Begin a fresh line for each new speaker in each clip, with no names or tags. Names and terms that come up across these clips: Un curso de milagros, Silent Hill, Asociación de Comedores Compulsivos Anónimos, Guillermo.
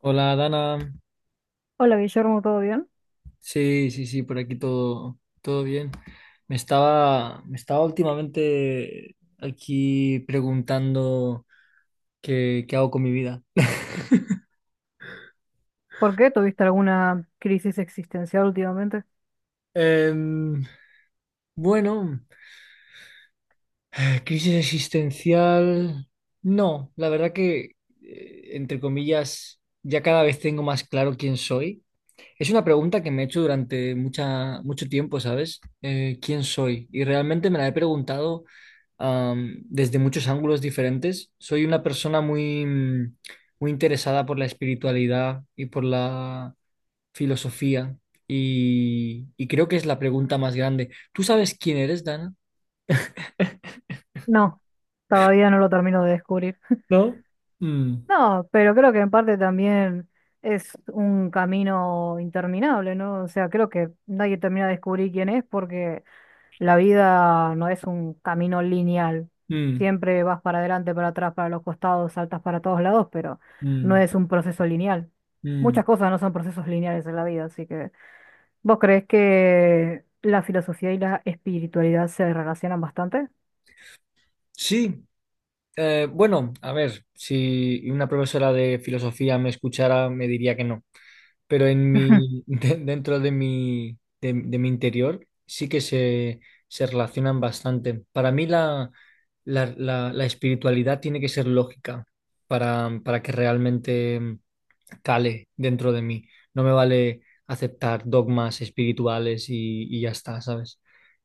Hola, Dana.
Hola Guillermo, ¿todo bien?
Sí, sí, sí, por aquí todo bien. Me estaba últimamente aquí preguntando qué hago con mi vida.
¿Por qué? ¿Tuviste alguna crisis existencial últimamente?
Em, bueno, crisis existencial, no, la verdad que, entre comillas, ya cada vez tengo más claro quién soy. Es una pregunta que me he hecho durante mucho tiempo, ¿sabes? ¿Quién soy? Y realmente me la he preguntado desde muchos ángulos diferentes. Soy una persona muy, muy interesada por la espiritualidad y por la filosofía, y creo que es la pregunta más grande. ¿Tú sabes quién eres, Dana?
No, todavía no lo termino de descubrir.
¿No? Mm,
No, pero creo que en parte también es un camino interminable, ¿no? O sea, creo que nadie termina de descubrir quién es porque la vida no es un camino lineal.
mm,
Siempre vas para adelante, para atrás, para los costados, saltas para todos lados, pero no
mm,
es un proceso lineal.
mm.
Muchas cosas no son procesos lineales en la vida, así que... ¿Vos crees que la filosofía y la espiritualidad se relacionan bastante?
Sí, bueno, a ver, si una profesora de filosofía me escuchara, me diría que no, pero
Ujú.
dentro de mi, de mi interior sí que se relacionan bastante. Para mí la espiritualidad tiene que ser lógica para que realmente cale dentro de mí. No me vale aceptar dogmas espirituales y ya está, ¿sabes?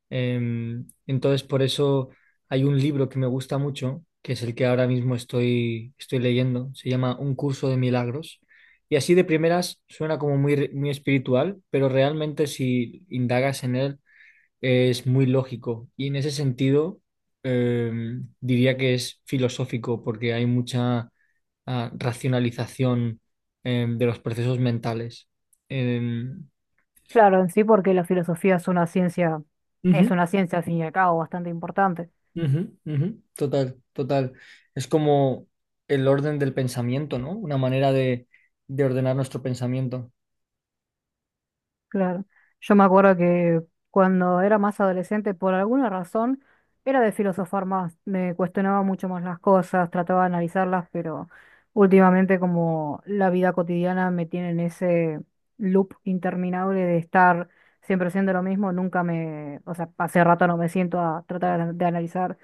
Entonces, por eso hay un libro que me gusta mucho, que es el que ahora mismo estoy leyendo. Se llama Un curso de milagros. Y así de primeras suena como muy, muy espiritual, pero realmente si indagas en él es muy lógico. Y en ese sentido, diría que es filosófico porque hay mucha racionalización de los procesos mentales. Em,
Claro, en sí, porque la filosofía
Ujú.
es una ciencia al fin y al cabo bastante importante.
Ujú, ujú. Total, total. Es como el orden del pensamiento, ¿no? Una manera de ordenar nuestro pensamiento.
Claro. Yo me acuerdo que cuando era más adolescente, por alguna razón, era de filosofar más, me cuestionaba mucho más las cosas, trataba de analizarlas, pero últimamente como la vida cotidiana me tiene en ese loop interminable de estar siempre haciendo lo mismo, nunca me, o sea, hace rato no me siento a tratar de analizar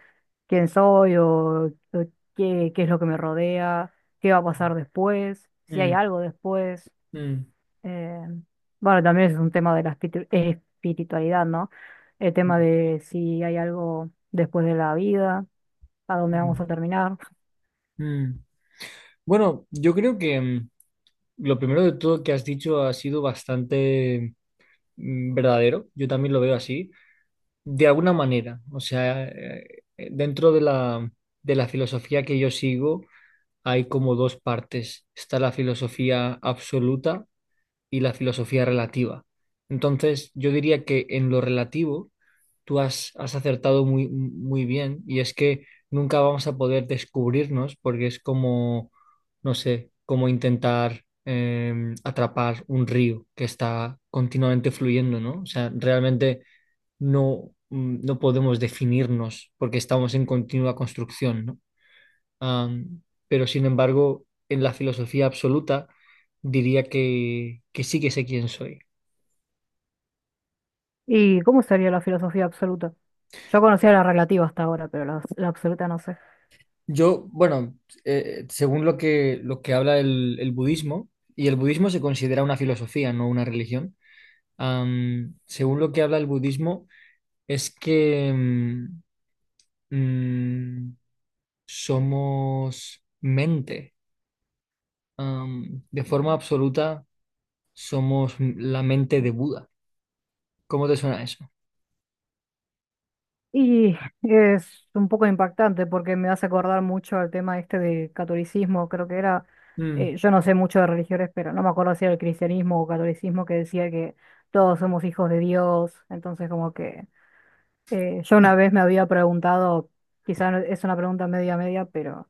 quién soy o qué es lo que me rodea, qué va a pasar después, si hay
Mm,
algo después.
mm,
Eh, bueno, también es un tema de la espiritualidad, ¿no? El tema
mm,
de si hay algo después de la vida, a dónde vamos a terminar.
mm. Bueno, yo creo que lo primero de todo que has dicho ha sido bastante verdadero. Yo también lo veo así, de alguna manera. O sea, dentro de la filosofía que yo sigo, hay como dos partes. Está la filosofía absoluta y la filosofía relativa. Entonces, yo diría que en lo relativo tú has acertado muy, muy bien, y es que nunca vamos a poder descubrirnos porque es como, no sé, como intentar atrapar un río que está continuamente fluyendo, ¿no? O sea, realmente no, no podemos definirnos porque estamos en continua construcción, ¿no? Am, pero sin embargo, en la filosofía absoluta diría que sí que sé quién soy.
¿Y cómo sería la filosofía absoluta? Yo conocía la relativa hasta ahora, pero la absoluta no sé.
Yo, bueno, según lo que habla el budismo, y el budismo se considera una filosofía, no una religión, según lo que habla el budismo es que mm, somos mente. De forma absoluta somos la mente de Buda. ¿Cómo te suena eso?
Y es un poco impactante porque me hace acordar mucho al tema este de catolicismo, creo que era,
Mm,
yo no sé mucho de religiones, pero no me acuerdo si era el cristianismo o catolicismo que decía que todos somos hijos de Dios, entonces como que yo una vez me había preguntado, quizás es una pregunta media media, pero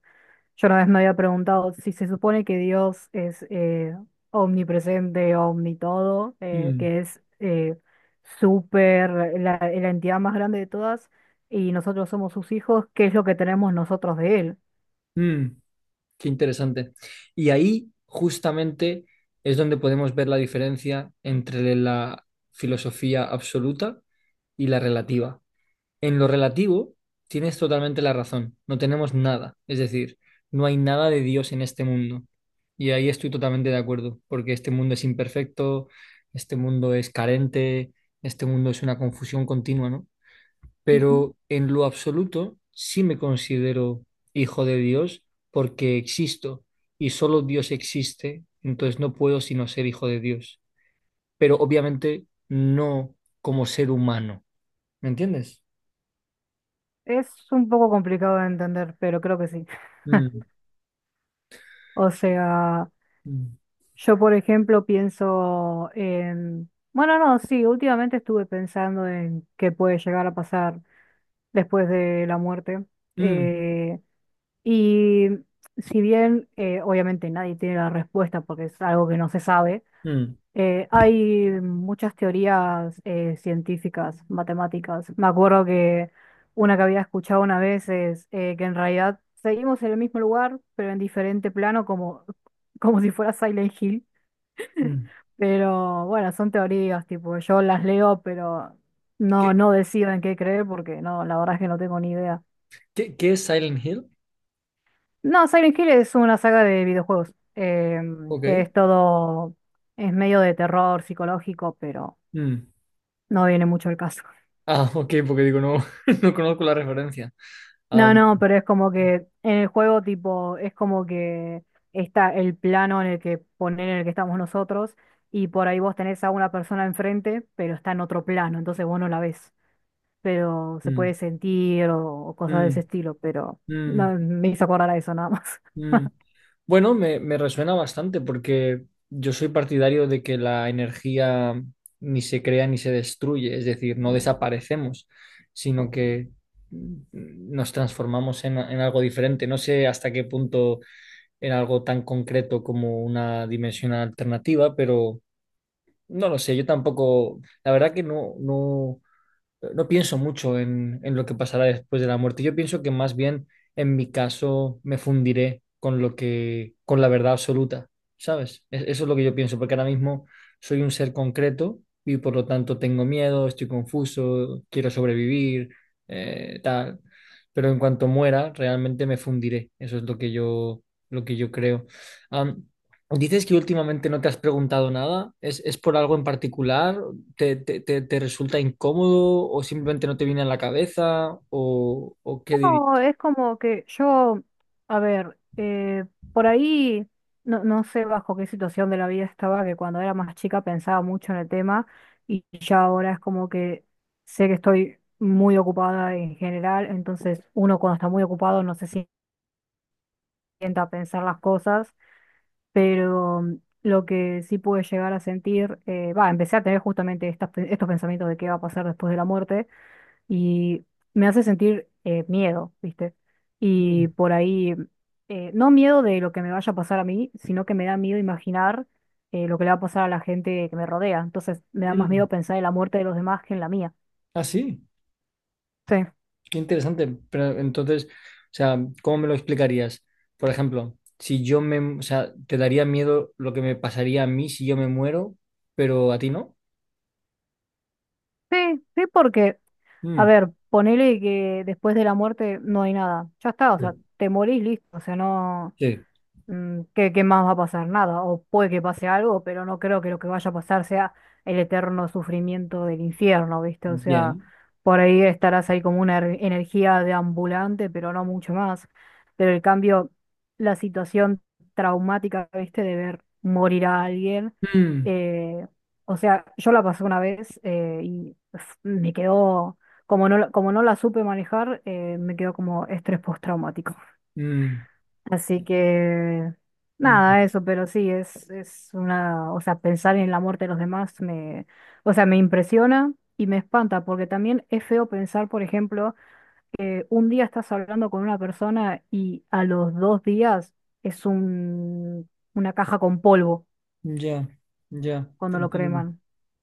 yo una vez me había preguntado si se supone que Dios es omnipresente, omnitodo,
mm,
que es súper, la entidad más grande de todas, y nosotros somos sus hijos, ¿qué es lo que tenemos nosotros de él?
mm. Qué interesante. Y ahí justamente es donde podemos ver la diferencia entre la filosofía absoluta y la relativa. En lo relativo, tienes totalmente la razón, no tenemos nada, es decir, no hay nada de Dios en este mundo. Y ahí estoy totalmente de acuerdo, porque este mundo es imperfecto, este mundo es carente, este mundo es una confusión continua, ¿no?
Ujú.
Pero en lo absoluto sí me considero hijo de Dios porque existo y solo Dios existe, entonces no puedo sino ser hijo de Dios, pero obviamente no como ser humano, ¿me entiendes?
Es un poco complicado de entender, pero creo que sí.
Mm,
O sea...
mm,
Yo, por ejemplo, pienso en... Bueno, no, sí, últimamente estuve pensando en qué puede llegar a pasar después de la muerte.
mm,
Eh, y si bien, obviamente, nadie tiene la respuesta porque es algo que no se sabe,
mm,
hay muchas teorías científicas, matemáticas. Me acuerdo que una que había escuchado una vez es que en realidad seguimos en el mismo lugar, pero en diferente plano, como, como si fuera Silent Hill,
mm.
pero bueno, son teorías, tipo, yo las leo, pero no,
¿Qué,
no decido en qué creer porque no, la verdad es que no tengo ni idea.
qué es Silent Hill?
No, Silent Hill es una saga de videojuegos,
Ok.
que es todo, es medio de terror psicológico, pero
Mm.
no viene mucho el caso.
Ah, ok, porque digo, no, no conozco la referencia. Am,
No, no, pero es como que en el juego, tipo, es como que está el plano en el que poner en el que estamos nosotros, y por ahí vos tenés a una persona enfrente, pero está en otro plano, entonces vos no la ves, pero se
mm,
puede sentir o cosas de ese
mm,
estilo, pero
mm.
no, me hizo acordar a eso nada más.
Mm. Bueno, me resuena bastante porque yo soy partidario de que la energía ni se crea ni se destruye, es decir, no desaparecemos, sino que mm, nos transformamos en algo diferente. No sé hasta qué punto en algo tan concreto como una dimensión alternativa, pero no lo sé, yo tampoco, la verdad que no pienso mucho en lo que pasará después de la muerte. Yo pienso que más bien, en mi caso, me fundiré con con la verdad absoluta, ¿sabes? Eso es lo que yo pienso, porque ahora mismo soy un ser concreto y por lo tanto tengo miedo, estoy confuso, quiero sobrevivir, tal. Pero en cuanto muera, realmente me fundiré. Eso es lo que yo creo. Am, Dices que últimamente no te has preguntado nada. ¿Es por algo en particular? Te resulta incómodo o simplemente no te viene a la cabeza, o qué dirías?
No, es como que yo, a ver, por ahí no, no sé bajo qué situación de la vida estaba, que cuando era más chica pensaba mucho en el tema y ya ahora es como que sé que estoy muy ocupada en general, entonces uno cuando está muy ocupado no se sienta a pensar las cosas, pero lo que sí pude llegar a sentir, empecé a tener justamente estos pensamientos de qué va a pasar después de la muerte y me hace sentir miedo, ¿viste?
Mm,
Y por ahí, no miedo de lo que me vaya a pasar a mí, sino que me da miedo imaginar lo que le va a pasar a la gente que me rodea. Entonces me da más
mm.
miedo pensar en la muerte de los demás que en la mía.
Ah, sí,
Sí,
qué interesante. Pero entonces, o sea, ¿cómo me lo explicarías? Por ejemplo, si yo me, o sea, ¿te daría miedo lo que me pasaría a mí si yo me muero, pero a ti no?
sí, sí, porque, a
Mm,
ver, ponele que después de la muerte no hay nada. Ya está, o sea,
sí,
te morís, listo, o sea, no...
sí,
Mm, ¿qué más va a pasar? Nada, o puede que pase algo, pero no creo que lo que vaya a pasar sea el eterno sufrimiento del infierno, ¿viste? O sea,
bien.
por ahí estarás ahí como una energía de ambulante, pero no mucho más. Pero el cambio, la situación traumática, ¿viste? De ver morir a alguien,
Mm,
eh, o sea, yo la pasé una vez, me quedó, como no, como no la supe manejar, me quedó como estrés postraumático.
mm,
Así que
mm.
nada, eso, pero sí, es una, o sea, pensar en la muerte de los demás me, o sea, me impresiona y me espanta, porque también es feo pensar, por ejemplo, que un día estás hablando con una persona y a los dos días es un, una caja con polvo
Ya, ya, te
cuando lo
entiendo.
creman.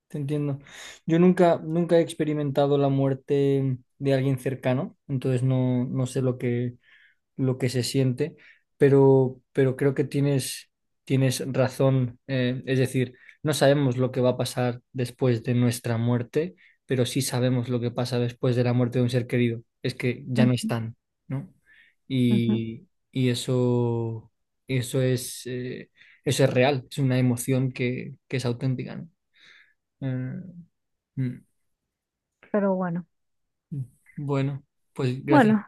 Te entiendo. Yo nunca, nunca he experimentado la muerte de alguien cercano, entonces no sé lo que se siente, pero creo que tienes razón. Es decir, no sabemos lo que va a pasar después de nuestra muerte, pero sí sabemos lo que pasa después de la muerte de un ser querido. Es que ya no
Ujú,
están, ¿no?
ujú.
Y eso es, eh, eso es real, es una emoción que es auténtica, ¿no? Eh, Mm,
Pero bueno,
mm. Bueno, pues gracias,
bueno,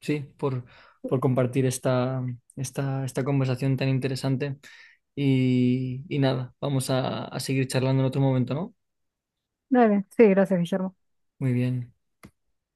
sí, por compartir esta conversación tan interesante. Y nada, vamos a seguir charlando en otro momento, ¿no?
dale, sí, gracias, Guillermo.
Muy bien.